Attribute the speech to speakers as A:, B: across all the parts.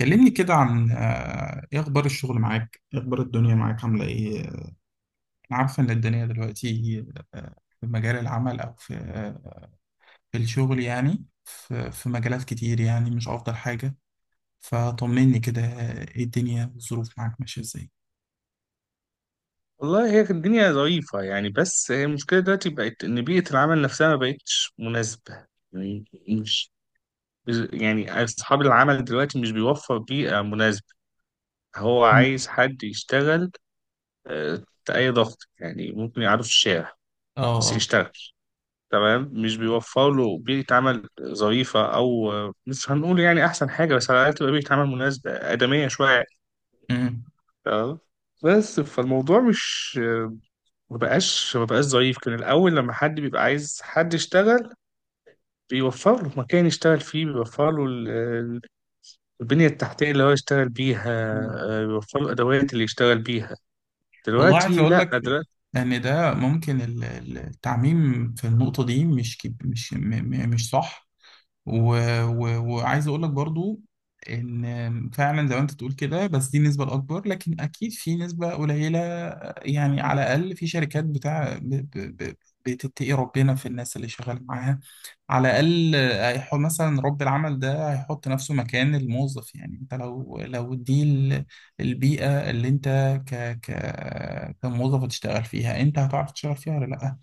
A: كلمني كده عن ايه اخبار الشغل معاك؟ ايه اخبار الدنيا معاك؟ عامله ايه؟ انا عارفه ان الدنيا دلوقتي، آه، في مجال العمل او في، في الشغل، يعني في مجالات كتير، يعني مش افضل حاجه. فطمني كده، ايه الدنيا؟ الظروف معاك ماشيه ازاي؟
B: والله هي كانت الدنيا ظريفة، يعني بس هي المشكلة دلوقتي بقت إن بيئة العمل نفسها ما بقتش مناسبة. يعني مش يعني أصحاب العمل دلوقتي مش بيوفر بيئة مناسبة. هو
A: م-
B: عايز حد يشتغل تحت أي ضغط، يعني ممكن يقعده في الشارع
A: اه،
B: بس
A: اه.
B: يشتغل. تمام، مش بيوفر له بيئة عمل ظريفة، أو مش هنقول يعني أحسن حاجة، بس على الأقل تبقى بيئة عمل مناسبة آدمية شوية.
A: أمم.
B: تمام. بس فالموضوع مش ما بقاش ضعيف كان الأول، لما حد بيبقى عايز حد يشتغل بيوفر له مكان يشتغل فيه، بيوفر له البنية التحتية اللي هو يشتغل بيها، بيوفر له الأدوات اللي يشتغل بيها.
A: والله عايز
B: دلوقتي
A: اقول
B: لا،
A: لك
B: دلوقتي
A: ان ده ممكن التعميم في النقطه دي مش كب- مش م- م- مش صح، و... وعايز اقول لك برضو ان فعلا زي ما انت تقول كده، بس دي النسبه الاكبر، لكن اكيد في نسبه قليله. يعني على الاقل في شركات بتاع بتتقي ربنا في الناس اللي شغال معاها. على الاقل هيحط مثلا رب العمل ده هيحط نفسه مكان الموظف. يعني انت لو دي البيئه اللي انت، كموظف هتشتغل فيها، انت هتعرف تشتغل فيها ولا لا؟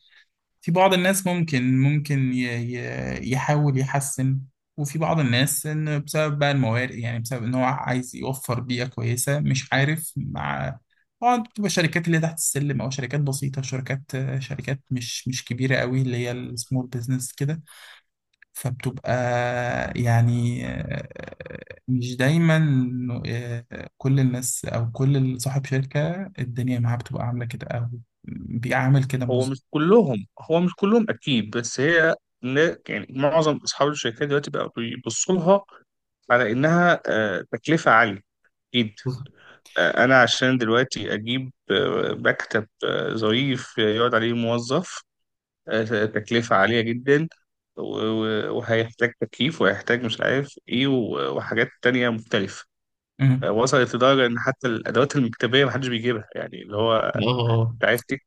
A: في بعض الناس ممكن يحاول يحسن. وفي بعض الناس إن بسبب بقى الموارد، يعني بسبب إن هو عايز يوفر بيئة كويسة مش عارف مع. طبعا بتبقى شركات اللي تحت السلم أو شركات بسيطة، شركات مش كبيرة قوي، اللي هي السمول بزنس كده. فبتبقى، يعني، مش دايما إنه كل الناس أو كل صاحب شركة الدنيا معاه بتبقى عاملة كده أو بيعامل كده،
B: هو مش
A: مظبوط.
B: كلهم، هو مش كلهم أكيد، بس هي يعني معظم أصحاب الشركات دلوقتي بقى بيبصوا لها على إنها تكلفة عالية جدا. أنا عشان دلوقتي أجيب مكتب ظريف يقعد عليه موظف، تكلفة عالية جدا. وهيحتاج تكييف، وهيحتاج مش عارف ايه، وحاجات تانية مختلفة. وصلت لدرجة ان حتى الادوات المكتبية محدش بيجيبها، يعني اللي هو
A: اه، آه.
B: انت عايز تكتب،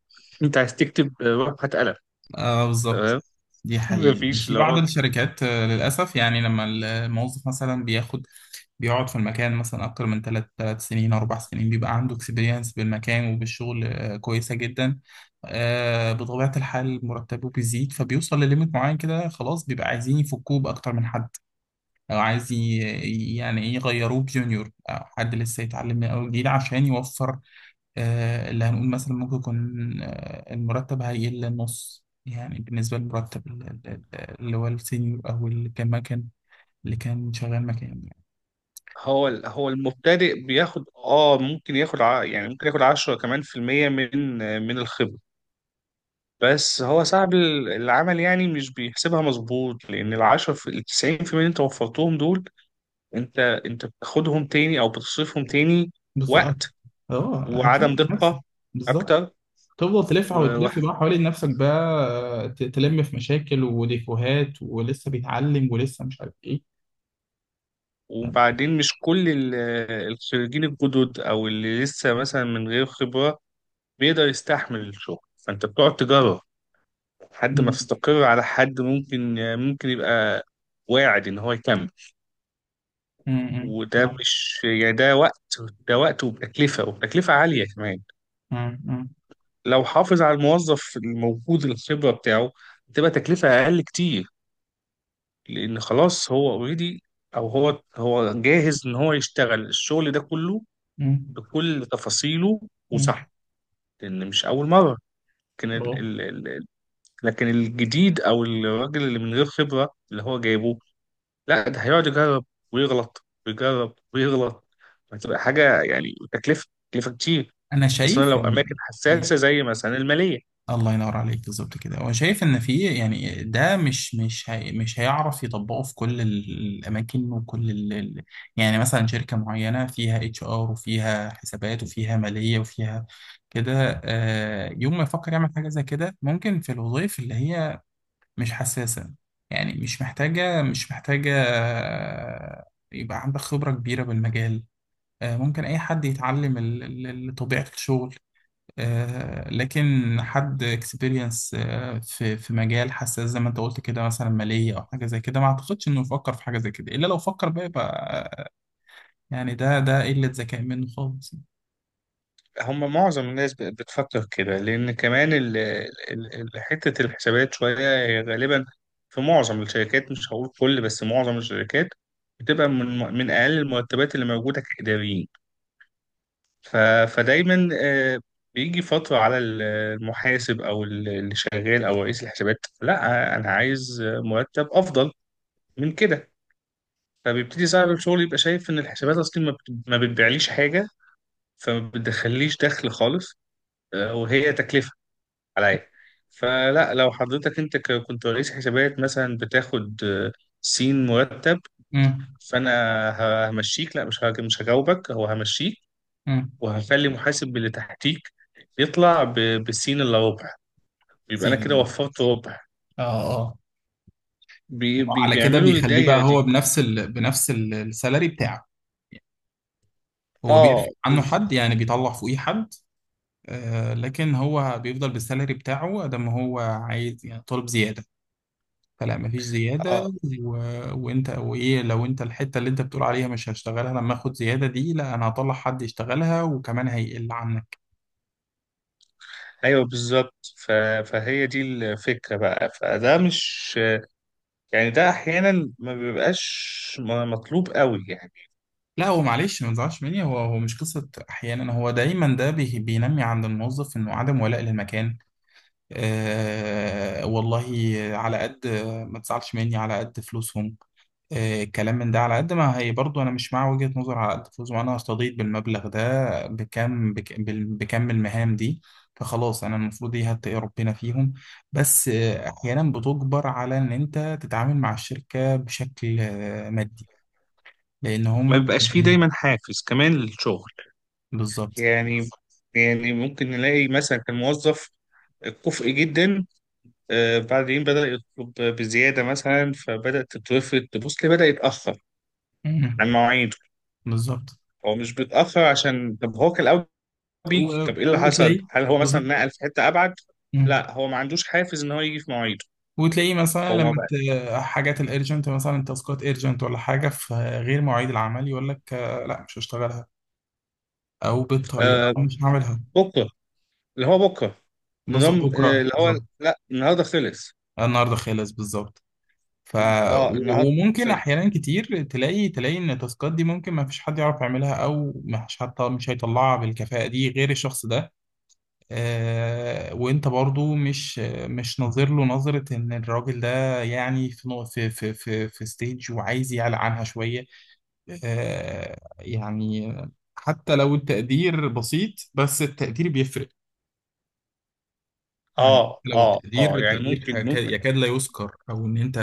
B: روح هات قلم.
A: اه، بالظبط.
B: تمام.
A: دي حقيقة
B: مفيش
A: في
B: اللي
A: بعض
B: هو
A: الشركات، للأسف، يعني لما الموظف مثلا بياخد، بيقعد في المكان مثلا أكتر من 3 سنين، 4 سنين، بيبقى عنده اكسبيرينس بالمكان وبالشغل كويسة جدا. بطبيعة الحال مرتبه بيزيد، فبيوصل لليميت معين كده، خلاص بيبقى عايزين يفكوه بأكتر من حد، أو عايز يعني إيه، يغيروه بجونيور أو حد لسه يتعلم من أول جديد عشان يوفر. اللي هنقول مثلا ممكن يكون المرتب هيقل للنص، يعني بالنسبة للمرتب اللي هو السينيور، أو اللي كان شغال مكان، يعني.
B: هو المبتدئ بياخد ممكن ياخد يعني ممكن ياخد 10 كمان في المية، من الخبرة. بس هو صعب العمل، يعني مش بيحسبها مظبوط، لان العشرة في التسعين في المية اللي انت وفرتهم دول انت بتاخدهم تاني او بتصرفهم تاني.
A: بالظبط.
B: وقت
A: اه،
B: وعدم
A: هتلاقي نفسك،
B: دقة
A: بالظبط.
B: اكتر.
A: تفضل تلف
B: و-
A: وتلف بقى حوالين نفسك بقى. تلم في مشاكل وديفوهات، ولسه بيتعلم، ولسه مش عارف ايه. فاهم؟
B: وبعدين مش كل الخريجين الجدد او اللي لسه مثلا من غير خبرة بيقدر يستحمل الشغل، فانت بتقعد تجرب لحد ما
A: مم.
B: تستقر على حد ممكن يبقى واعد ان هو يكمل.
A: مم. مم.
B: وده مش يعني، ده وقت، وبتكلفة عالية كمان.
A: مم.
B: لو حافظ على الموظف الموجود الخبرة بتاعه تبقى تكلفة أقل كتير، لان خلاص هو اوريدي، او هو جاهز ان هو يشتغل الشغل ده كله
A: مم.
B: بكل تفاصيله،
A: مم.
B: وصح، لان مش اول مره. لكن
A: اه،
B: ال ال ال لكن الجديد او الراجل اللي من غير خبره اللي هو جايبه، لا ده هيقعد يجرب ويغلط ويجرب ويغلط. هتبقى حاجه يعني تكلفه كتير،
A: انا
B: خصوصا
A: شايف
B: لو
A: ان،
B: اماكن
A: يعني،
B: حساسه زي مثلا الماليه.
A: الله ينور عليك، بالظبط كده، هو شايف ان في، يعني ده مش هي، مش هيعرف يطبقه في كل الاماكن، وكل يعني مثلا شركه معينه فيها HR وفيها حسابات وفيها ماليه وفيها كده، يوم ما يفكر يعمل حاجه زي كده ممكن في الوظائف اللي هي مش حساسه، يعني مش محتاجه، يبقى عندك خبره كبيره بالمجال. ممكن اي حد يتعلم طبيعه الشغل. لكن حد اكسبيرينس في مجال حساس زي ما انت قلت كده، مثلا مالية او حاجة زي كده، ما اعتقدش انه يفكر في حاجة زي كده. الا لو فكر بقى، يبقى آه، يعني ده قلة ذكاء منه خالص.
B: هم معظم الناس بتفكر كده، لأن كمان حتة الحسابات شوية هي غالبا في معظم الشركات، مش هقول كل بس معظم الشركات، بتبقى من أقل المرتبات اللي موجودة كإداريين. ف- فدايما بيجي فترة على المحاسب أو اللي شغال أو رئيس الحسابات، لا أنا عايز مرتب أفضل من كده. فبيبتدي صاحب الشغل يبقى شايف إن الحسابات أصلا ما بتبيعليش حاجة، فما بتدخليش دخل خالص، وهي تكلفة عليا. فلا لو حضرتك انت كنت رئيس حسابات مثلا بتاخد سين مرتب،
A: امم،
B: فانا همشيك، لا مش هجاوبك، هو همشيك،
A: امم.
B: وهخلي محاسب اللي تحتيك يطلع بالسين الا ربع، يبقى انا
A: سيلز.
B: كده
A: اه،
B: وفرت ربع.
A: اه.
B: بي بي
A: وعلى كده
B: بيعملوا
A: بيخليه بقى
B: الدايره دي.
A: هو بنفس السالري بتاعه. هو
B: اه
A: بيرفع عنه
B: بز...
A: حد، يعني بيطلع فوقيه حد. آه، لكن هو بيفضل بالسالري بتاعه قد ما هو عايز، يعني طالب زيادة فلا مفيش زيادة،
B: اه،
A: وايه؟ لو انت الحتة اللي انت بتقول عليها مش هشتغلها لما اخد زيادة دي، لا انا هطلع حد يشتغلها وكمان هيقل عنك.
B: ايوه، بالظبط. فهي دي الفكره بقى. فده مش يعني، ده احيانا ما بيبقاش مطلوب قوي يعني،
A: لا هو، معلش ما تزعلش مني، هو مش قصة احيانا، هو دايما. ده بينمي عند الموظف انه عدم ولاء للمكان. آه، والله، على قد ما تزعلش مني، على قد فلوسهم. الكلام من ده، على قد ما هي، برضو انا مش مع وجهة نظر على قد فلوس. ما انا هستضيف بالمبلغ ده بكم، بكم المهام دي. فخلاص انا المفروض دي هتقي ربنا فيهم، بس احيانا بتجبر على ان انت تتعامل مع الشركة بشكل مادي، لان
B: ما
A: هما
B: بيبقاش فيه دايما حافز كمان للشغل.
A: بالظبط.
B: يعني يعني ممكن نلاقي مثلا كان موظف كفء جدا، بعدين بدأ يطلب بزيادة مثلا، فبدأت تتوفر تبص ليه، بدأ يتأخر
A: مم.
B: عن مواعيده.
A: بالظبط.
B: هو مش بيتأخر عشان، طب هو كان الأول بيجي،
A: و-
B: طب إيه اللي حصل؟
A: وتلاقيه.
B: هل هو مثلا
A: بالظبط.
B: نقل في حتة أبعد؟
A: مم.
B: لا، هو ما عندوش حافز إن هو يجي في مواعيده.
A: وتلاقيه مثلا
B: هو
A: لما
B: ما بقى
A: حاجات الارجنت، مثلا تاسكات ارجنت ولا حاجه في غير مواعيد العمل، يقول لك لا مش هشتغلها، او بالطريقه
B: آه
A: أنا مش هعملها.
B: بكرة، اللي هو بكرة،
A: بالظبط،
B: نظام
A: بكره،
B: اللي هو
A: بالظبط.
B: لا النهارده خلص.
A: النهارده خالص، بالظبط. ف
B: اه، النهارده
A: وممكن
B: خلص.
A: احيانا كتير تلاقي ان التاسكات دي ممكن ما فيش حد يعرف يعملها، او ما فيش حد مش هيطلعها بالكفاءه دي غير الشخص ده. آه، وانت برضو مش ناظر له نظره ان الراجل ده، يعني في في ستيج وعايز يعلى عنها شويه. آه، يعني حتى لو التقدير بسيط، بس التقدير بيفرق. يعني
B: اه،
A: لو
B: اه،
A: التقدير،
B: اه. يعني ممكن ممكن
A: يكاد لا يذكر، او ان انت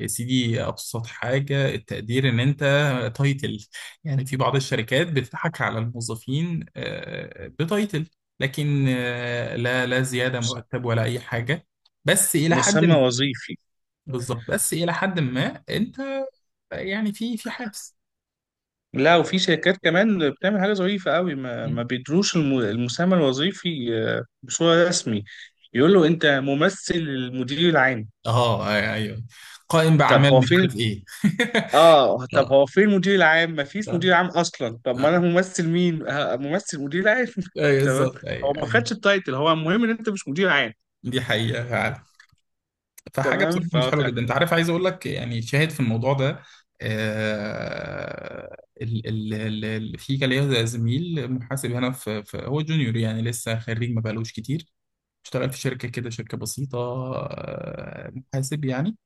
A: يا سيدي، ابسط حاجه التقدير ان انت تايتل. يعني في بعض الشركات بتضحك على الموظفين بتايتل، لكن لا، لا زياده
B: مس-
A: مرتب ولا اي حاجه، بس الى حد
B: مسمى
A: ما.
B: وظيفي.
A: بالظبط، بس الى حد ما انت، يعني في حافز.
B: لا، وفي شركات كمان بتعمل حاجة ظريفة قوي، ما,
A: م.
B: ما بيدروش المسمى الوظيفي بصورة رسمي، يقول له انت ممثل المدير العام.
A: اه، ايوه. قائم
B: طب
A: باعمال
B: هو
A: مش
B: فين
A: عارف ايه
B: اه طب
A: اه.
B: هو فين المدير العام؟ ما فيش
A: لا.
B: مدير عام اصلا. طب ما
A: آه.
B: انا ممثل مين؟ ممثل مدير عام.
A: ايوه،
B: تمام.
A: بالظبط، ايوه،
B: هو ما
A: أيوة.
B: خدش التايتل، هو المهم ان انت مش مدير عام.
A: دي حقيقه فعلا، فحاجه
B: تمام.
A: بصراحه مش حلوه جدا. انت عارف، عايز اقول لك يعني شاهد في الموضوع ده. آه، ال ال ال ال في كان ليا زميل محاسب هنا في، هو جونيور يعني لسه خريج ما بقالوش كتير، اشتغل في شركه كده، شركه بسيطه، آه، محاسب يعني.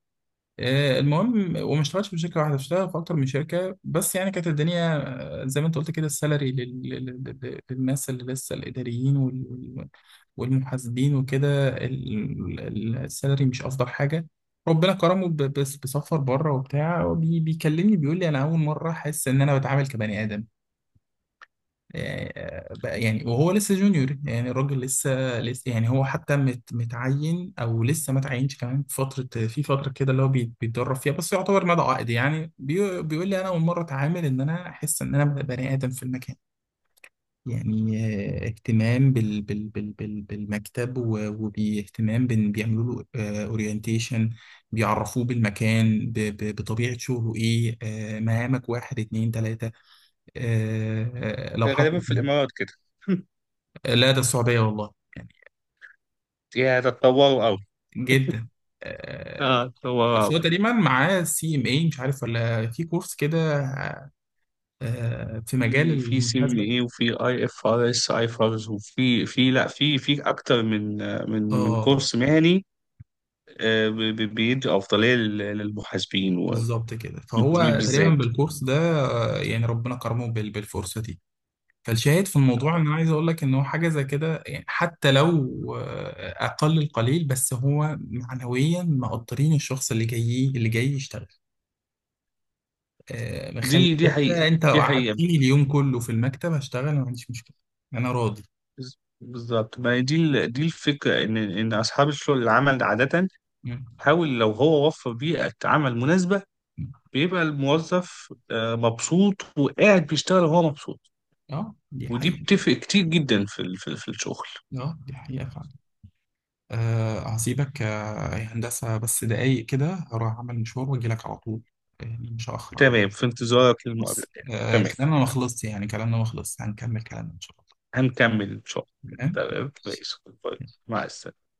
A: المهم، وما اشتغلتش في شركه واحده، اشتغل في اكتر من شركه، بس يعني كانت الدنيا زي ما انت قلت كده، السالري للناس اللي لسه الاداريين وال- والمحاسبين وكده، السالري مش افضل حاجه. ربنا كرمه، بس بسفر بره وبتاع، بيكلمني بيقول لي انا اول مره احس ان انا بتعامل كبني ادم. يعني، يعني وهو لسه جونيور، يعني الراجل لسه، يعني هو حتى متعين او لسه ما تعينش كمان، في فتره كده اللي هو بيتدرب فيها، بس يعتبر مدى عقد. يعني بيقول لي انا اول مره اتعامل ان انا احس ان انا بني ادم في المكان. يعني اهتمام بالمكتب، وباهتمام، بيعملوا له اورينتيشن، بيعرفوه بالمكان، بطبيعه شغله ايه، مهامك واحد، اتنين، تلاته. لو
B: غالبا
A: حصل.
B: في الامارات كده.
A: لا، ده السعودية والله، يعني
B: يا ده اتطوروا قوي.
A: جدا. آه،
B: اه، اتطوروا
A: بس هو
B: قوي.
A: تقريبا معاه CMA، مش عارف ولا في كورس كده، في مجال
B: في سي
A: المحاسبة.
B: بي اي وفي IFRS ايفرز، وفي في لا في في اكتر من
A: اه،
B: كورس مهني، بيدي افضليه للمحاسبين،
A: بالظبط كده،
B: والمحاسبين
A: فهو تقريبا
B: بالذات.
A: بالكورس ده، يعني ربنا كرمه بالفرصة دي. فالشاهد في الموضوع ان انا عايز اقول لك ان هو، حاجة زي كده، يعني حتى لو اقل القليل، بس هو معنويا مقدرين الشخص اللي جاي، يشتغل، مخليها.
B: دي حقيقه.
A: انت لو
B: دي حقيقه.
A: قعدتني اليوم كله في المكتب هشتغل، ما عنديش مشكله. انا راضي.
B: بالظبط. ما هي دي دي الفكره، ان اصحاب الشغل العمل عاده
A: مم.
B: حاول، لو هو وفر بيئه عمل مناسبه
A: مم.
B: بيبقى الموظف مبسوط وقاعد بيشتغل وهو مبسوط.
A: اه، دي
B: ودي
A: حقيقه.
B: بتفرق كتير جدا في في الشغل.
A: اه، دي حقيقه فعلا. آه، هسيبك، يا هندسه، بس دقايق كده هروح اعمل مشوار واجي لك على طول، يعني مش هاخر عليك.
B: تمام، في انتظارك
A: بص،
B: للمقابلة يعني.
A: آه،
B: تمام،
A: كلامنا ما خلصش، يعني كلامنا ما خلصش، هنكمل كلامنا ان شاء
B: هنكمل إن شاء الله.
A: الله.
B: تمام، ماشي. باي.
A: تمام.
B: مع السلامة.